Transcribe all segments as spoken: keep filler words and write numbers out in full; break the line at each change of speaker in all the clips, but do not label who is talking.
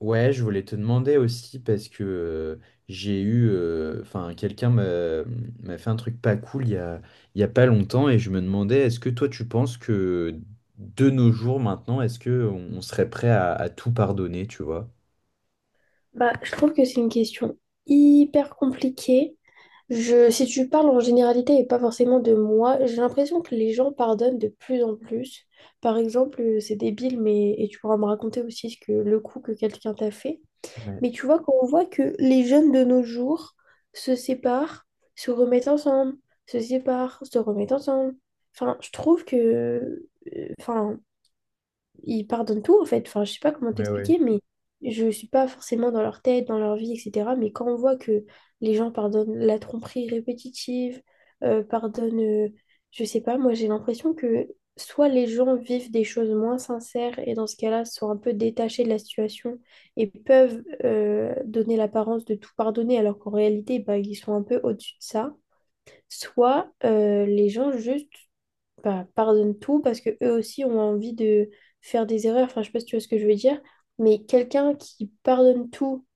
Ouais, je voulais te demander aussi parce que euh, j'ai eu, euh, enfin, quelqu'un m'a m'a fait un truc pas cool il y a, il y a pas longtemps et je me demandais, est-ce que toi tu penses que de nos jours maintenant, est-ce que on on serait prêt à, à tout pardonner, tu vois?
Bah, je trouve que c'est une question hyper compliquée. Je, si tu parles en généralité et pas forcément de moi, j'ai l'impression que les gens pardonnent de plus en plus. Par exemple, euh, c'est débile, mais et tu pourras me raconter aussi ce que le coup que quelqu'un t'a fait.
Ouais,
Mais tu vois, quand on voit que les jeunes de nos jours se séparent, se remettent ensemble, se séparent, se remettent ensemble. Enfin, je trouve que, euh, enfin, ils pardonnent tout en fait. Enfin, je sais pas comment
ouais, ouais.
t'expliquer, mais je suis pas forcément dans leur tête, dans leur vie, et cetera. Mais quand on voit que les gens pardonnent la tromperie répétitive, euh, pardonnent, euh, je sais pas, moi j'ai l'impression que soit les gens vivent des choses moins sincères et dans ce cas-là sont un peu détachés de la situation et peuvent euh, donner l'apparence de tout pardonner alors qu'en réalité, bah, ils sont un peu au-dessus de ça. Soit euh, les gens juste bah, pardonnent tout parce que eux aussi ont envie de faire des erreurs. Enfin, je sais pas si tu vois ce que je veux dire, mais quelqu'un qui pardonne tout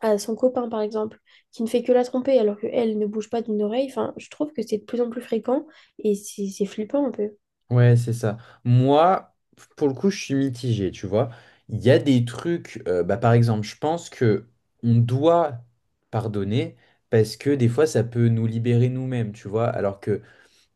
à son copain, par exemple, qui ne fait que la tromper alors qu'elle ne bouge pas d'une oreille, enfin, je trouve que c'est de plus en plus fréquent et c'est c'est flippant un peu.
Ouais, c'est ça. Moi, pour le coup, je suis mitigé, tu vois. Il y a des trucs, euh, bah, par exemple, je pense que on doit pardonner parce que des fois, ça peut nous libérer nous-mêmes, tu vois. Alors que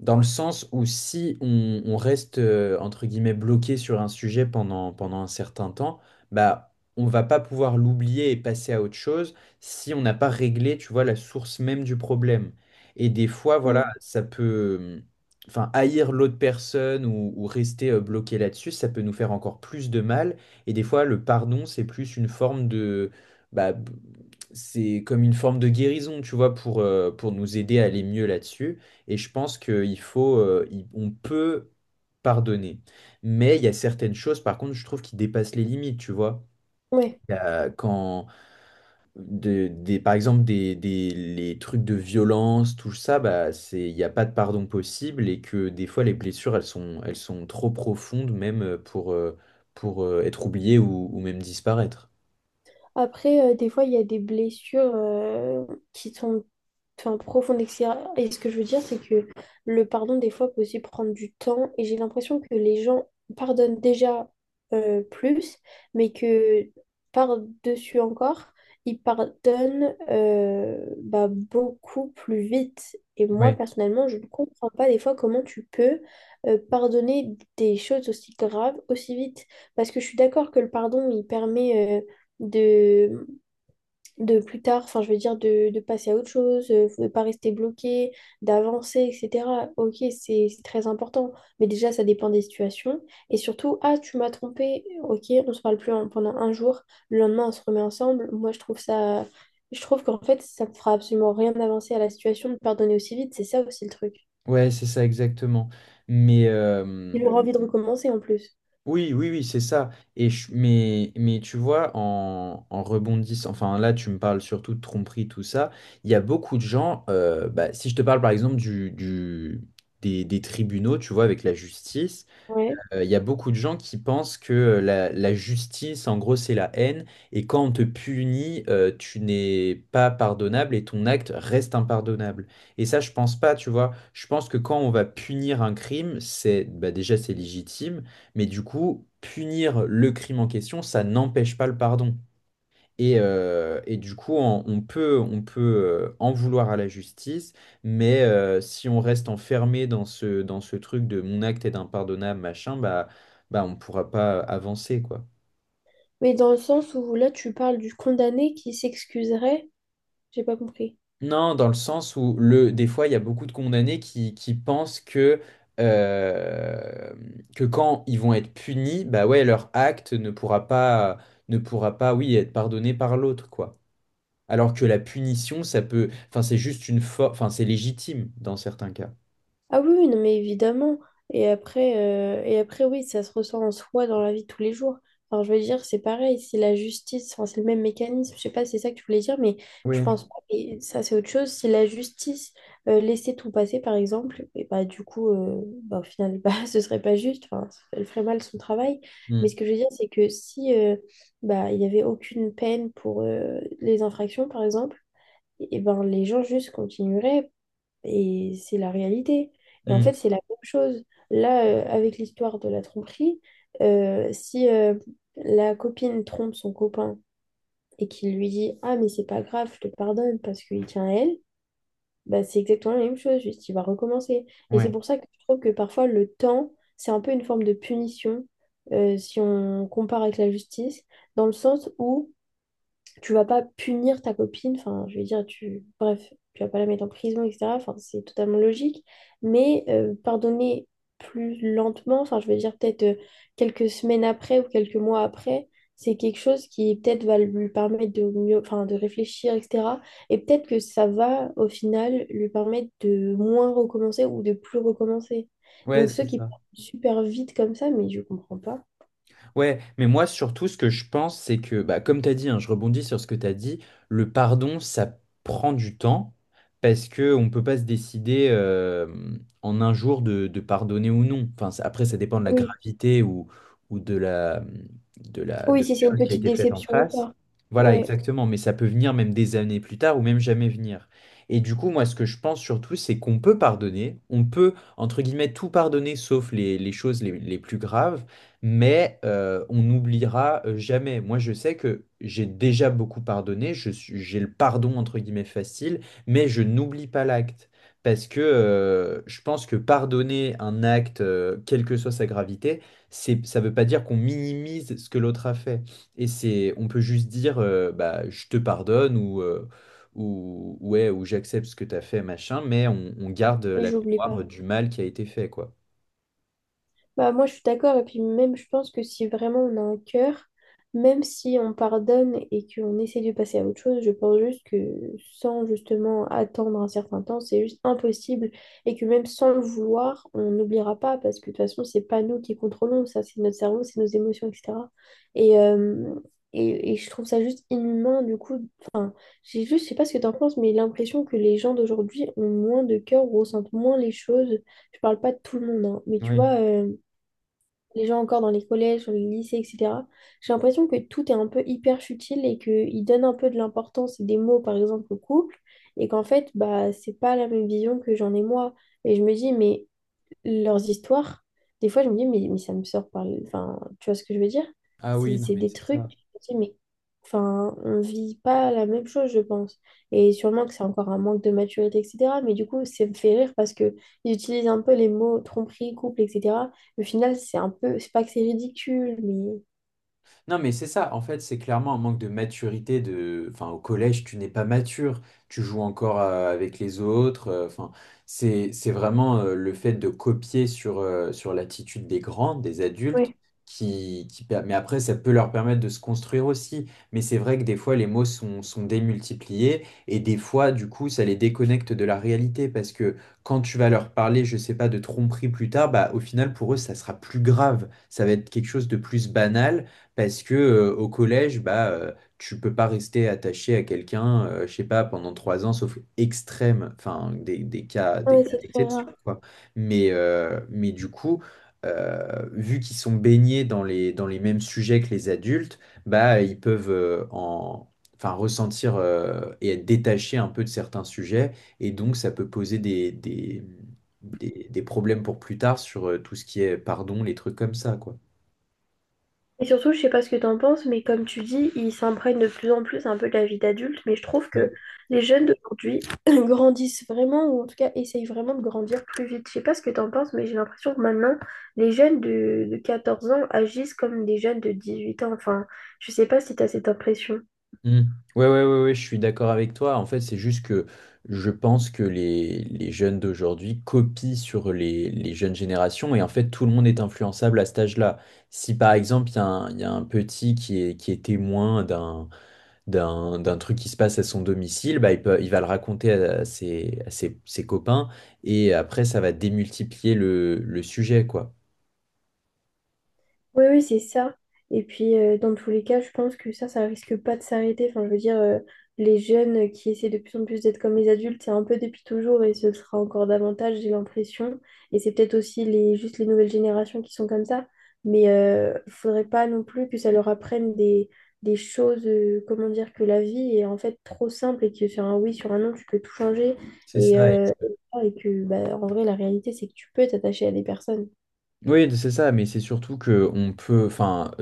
dans le sens où si on, on reste, euh, entre guillemets, bloqué sur un sujet pendant, pendant un certain temps, bah, on va pas pouvoir l'oublier et passer à autre chose si on n'a pas réglé, tu vois, la source même du problème. Et des fois, voilà,
Hmm.
ça peut, hum, enfin, haïr l'autre personne ou, ou rester euh, bloqué là-dessus, ça peut nous faire encore plus de mal. Et des fois, le pardon, c'est plus une forme de, bah, c'est comme une forme de guérison, tu vois, pour, euh, pour nous aider à aller mieux là-dessus. Et je pense qu'il faut, euh, il- on peut pardonner. Mais il y a certaines choses, par contre, je trouve qui dépassent les limites, tu vois.
Ouais.
Il y a quand, de- des, par exemple, des, des- les trucs de violence, tout ça, bah, c'est, il n'y a pas de pardon possible et que des fois, les blessures, elles sont, elles sont trop profondes, même euh, pour, euh, pour euh, être oubliées ou, ou même disparaître.
Après, euh, des fois, il y a des blessures euh, qui sont enfin, profondes, et cetera. Et ce que je veux dire, c'est que le pardon, des fois, peut aussi prendre du temps. Et j'ai l'impression que les gens pardonnent déjà euh, plus, mais que par-dessus encore, ils pardonnent euh, bah, beaucoup plus vite. Et moi,
Ouais,
personnellement, je ne comprends pas des fois comment tu peux euh, pardonner des choses aussi graves aussi vite. Parce que je suis d'accord que le pardon, il permet euh, de, de plus tard, enfin je veux dire de, de passer à autre chose, euh, de ne pas rester bloqué, d'avancer, et cetera. Ok, c'est c'est très important, mais déjà ça dépend des situations. Et surtout, ah tu m'as trompé, ok, on se parle plus en- pendant un jour, le lendemain on se remet ensemble. Moi je trouve ça, je trouve qu'en fait ça ne fera absolument rien d'avancer à la situation de pardonner aussi vite, c'est ça aussi le truc.
ouais, c'est ça exactement. Mais, euh,
Il aura envie de recommencer en plus.
oui, oui, oui, c'est ça. Et je- mais, mais tu vois, en, en rebondissant, enfin là, tu me parles surtout de tromperie, tout ça. Il y a beaucoup de gens, euh, bah, si je te parle par exemple du, du- des, des tribunaux, tu vois, avec la justice.
Ouais.
Euh, Il y a beaucoup de gens qui pensent que euh, la, la justice, en gros, c'est la haine, et quand on te punit, euh, tu n'es pas pardonnable et ton acte reste impardonnable. Et ça, je pense pas, tu vois. Je pense que quand on va punir un crime, c'est bah, déjà c'est légitime, mais du coup, punir le crime en question, ça n'empêche pas le pardon. Et, euh, et du coup, on, on peut, on peut euh, en vouloir à la justice, mais euh, si on reste enfermé dans ce, dans ce truc de mon acte est impardonnable, machin, bah, bah on ne pourra pas avancer, quoi.
Mais dans le sens où là tu parles du condamné qui s'excuserait, j'ai pas compris.
Non, dans le sens où le, des fois, il y a beaucoup de condamnés qui, qui pensent que, euh, que quand ils vont être punis, bah ouais, leur acte ne pourra pas, ne pourra pas, oui, être pardonné par l'autre, quoi. Alors que la punition, ça peut. Enfin, c'est juste une forme. Enfin, c'est légitime dans certains cas.
Ah oui, oui, non, mais évidemment. Et après, euh, et après, oui, ça se ressent en soi dans la vie de tous les jours. Alors, je veux dire, c'est pareil, c'est la justice, enfin, c'est le même mécanisme. Je sais pas si c'est ça que tu voulais dire, mais je
Oui,
pense pas. Et ça, c'est autre chose. Si la justice euh, laissait tout passer, par exemple, et bah, du coup, euh, bah, au final, bah, ce serait pas juste. Enfin, elle ferait mal son travail. Mais
mm.
ce que je veux dire, c'est que si euh, bah, il y avait aucune peine pour euh, les infractions, par exemple, et ben, les gens juste continueraient. Et c'est la réalité. Et en
Mm.
fait, c'est la même chose. Là, euh, avec l'histoire de la tromperie, euh, si euh, la copine trompe son copain et qu'il lui dit, Ah, mais c'est pas grave, je te pardonne parce qu'il tient à elle, bah, c'est exactement la même chose, juste il va recommencer. Et c'est
Ouais.
pour ça que je trouve que parfois le temps, c'est un peu une forme de punition euh, si on compare avec la justice, dans le sens où tu vas pas punir ta copine, enfin, je veux dire, tu, bref, tu vas pas la mettre en prison, et cetera. Enfin, c'est totalement logique, mais euh, pardonner plus lentement, enfin, je veux dire, peut-être euh, quelques semaines après ou quelques mois après, c'est quelque chose qui peut-être va lui permettre de mieux, enfin, de réfléchir, et cetera. Et peut-être que ça va, au final, lui permettre de moins recommencer ou de plus recommencer.
Ouais,
Donc, ceux
c'est
qui
ça.
partent super vite comme ça, mais je comprends pas.
Ouais, mais moi surtout ce que je pense, c'est que, bah, comme tu as dit, hein, je rebondis sur ce que tu as dit, le pardon, ça prend du temps parce que on peut pas se décider euh, en un jour de, de pardonner ou non. Enfin, ça- après, ça dépend de la
Oui,
gravité ou, ou de la, de la,
oui,
de la
si c'est une
chose qui a
petite
été faite en
déception ou
face.
pas.
Voilà,
Ouais,
exactement, mais ça peut venir même des années plus tard ou même jamais venir. Et du coup, moi, ce que je pense surtout, c'est qu'on peut pardonner, on peut, entre guillemets, tout pardonner sauf les, les choses les les plus graves mais euh, on n'oubliera euh, jamais. Moi, je sais que j'ai déjà beaucoup pardonné, je suis, j'ai le pardon entre guillemets facile, mais je n'oublie pas l'acte. Parce que euh, je pense que pardonner un acte, euh, quelle que soit sa gravité, c'est, ça ne veut pas dire qu'on minimise ce que l'autre a fait. Et c'est, on peut juste dire, euh, bah, je te pardonne ou, euh, ou, ouais, ou j'accepte ce que tu as fait, machin, mais on, on garde
et
la
j'oublie pas.
mémoire du mal qui a été fait, quoi.
Bah, moi, je suis d'accord. Et puis même, je pense que si vraiment on a un cœur, même si on pardonne et qu'on essaie de passer à autre chose, je pense juste que sans justement attendre un certain temps, c'est juste impossible. Et que même sans le vouloir, on n'oubliera pas parce que de toute façon, c'est pas nous qui contrôlons ça, c'est notre cerveau, c'est nos émotions, et cetera. Et, euh, et, et je trouve ça juste inhumain. Du coup, j'ai juste, je sais pas ce que t'en penses, mais l'impression que les gens d'aujourd'hui ont moins de cœur, ressentent moins les choses. Je parle pas de tout le monde, hein, mais tu
Oui.
vois. Euh, les gens encore dans les collèges, dans les lycées, et cetera. J'ai l'impression que tout est un peu hyper futile et qu'ils donnent un peu de l'importance et des mots, par exemple, au couple, et qu'en fait, bah, c'est pas la même vision que j'en ai moi. Et je me dis, mais leurs histoires, des fois, je me dis, mais, mais ça me sort par le. Enfin, tu vois ce que je veux dire?
Ah
C'est
oui, non,
c'est
mais
des
c'est
trucs,
ça.
je me dis, mais. Enfin, on vit pas la même chose, je pense. Et sûrement que c'est encore un manque de maturité, et cetera. Mais du coup, ça me fait rire parce que ils utilisent un peu les mots tromperie, couple, et cetera. Au final, c'est un peu. C'est pas que c'est ridicule, mais.
Non, mais c'est ça, en fait, c'est clairement un manque de maturité de... Enfin, au collège, tu n'es pas mature, tu joues encore euh, avec les autres. euh, Enfin, c'est, c'est vraiment euh, le fait de copier sur, euh, sur l'attitude des grands, des adultes,
Ouais.
qui, qui... per- mais après, ça peut leur permettre de se construire aussi. Mais c'est vrai que des fois, les mots sont, sont démultipliés et des fois, du coup, ça les déconnecte de la réalité parce que quand tu vas leur parler, je sais pas, de tromperie plus tard, bah, au final, pour eux, ça sera plus grave. Ça va être quelque chose de plus banal parce que euh, au collège, bah, euh, tu peux pas rester attaché à quelqu'un, euh, je sais pas, pendant trois ans, sauf extrême, enfin des, des cas,
Ah
des
ouais,
cas
c'est très rare.
d'exception, quoi. Mais, euh, mais du coup, euh, vu qu'ils sont baignés dans les, dans les mêmes sujets que les adultes, bah, ils peuvent euh, en, enfin, ressentir euh, et être détachés un peu de certains sujets, et donc ça peut poser des, des, des, des problèmes pour plus tard sur euh, tout ce qui est pardon, les trucs comme ça, quoi.
Et surtout, je sais pas ce que t'en penses, mais comme tu dis, ils s'imprègnent de plus en plus un peu de la vie d'adulte, mais je trouve
Ouais.
que les jeunes d'aujourd'hui grandissent vraiment, ou en tout cas essayent vraiment de grandir plus vite. Je sais pas ce que t'en penses, mais j'ai l'impression que maintenant, les jeunes de, de quatorze ans agissent comme des jeunes de dix-huit ans. Enfin, je sais pas si t'as cette impression.
Mm. Ouais, ouais, ouais, ouais, je suis d'accord avec toi. En fait, c'est juste que je pense que les, les jeunes d'aujourd'hui copient sur les, les jeunes générations et en fait, tout le monde est influençable à cet âge-là. Si par exemple, il y a un, il y a un petit qui est, qui est témoin d'un, d'un, d'un truc qui se passe à son domicile, bah, il peut, il va le raconter à ses, à ses, ses copains et après, ça va démultiplier le, le sujet, quoi.
Oui, oui, c'est ça. Et puis, euh, dans tous les cas, je pense que ça, ça risque pas de s'arrêter. Enfin, je veux dire, euh, les jeunes qui essaient de plus en plus d'être comme les adultes, c'est un peu depuis toujours et ce le sera encore davantage, j'ai l'impression. Et c'est peut-être aussi les, juste les nouvelles générations qui sont comme ça. Mais euh, faudrait pas non plus que ça leur apprenne des, des choses, euh, comment dire, que la vie est en fait trop simple et que sur un oui, sur un non, tu peux tout changer.
C'est
Et,
ça.
euh, et que, bah, en vrai, la réalité, c'est que tu peux t'attacher à des personnes.
Oui, c'est ça, mais c'est surtout que on peut, enfin,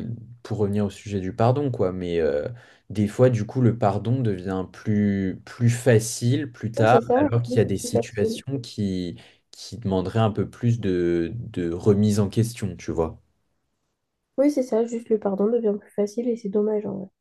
pour revenir au sujet du pardon, quoi, mais euh, des fois, du coup, le pardon devient plus, plus facile plus
Oui,
tard,
c'est ça,
alors qu'il
c'est
y a
juste
des
plus facile.
situations qui, qui demanderaient un peu plus de, de remise en question, tu vois.
Oui, c'est ça, juste le pardon devient plus facile et c'est dommageant.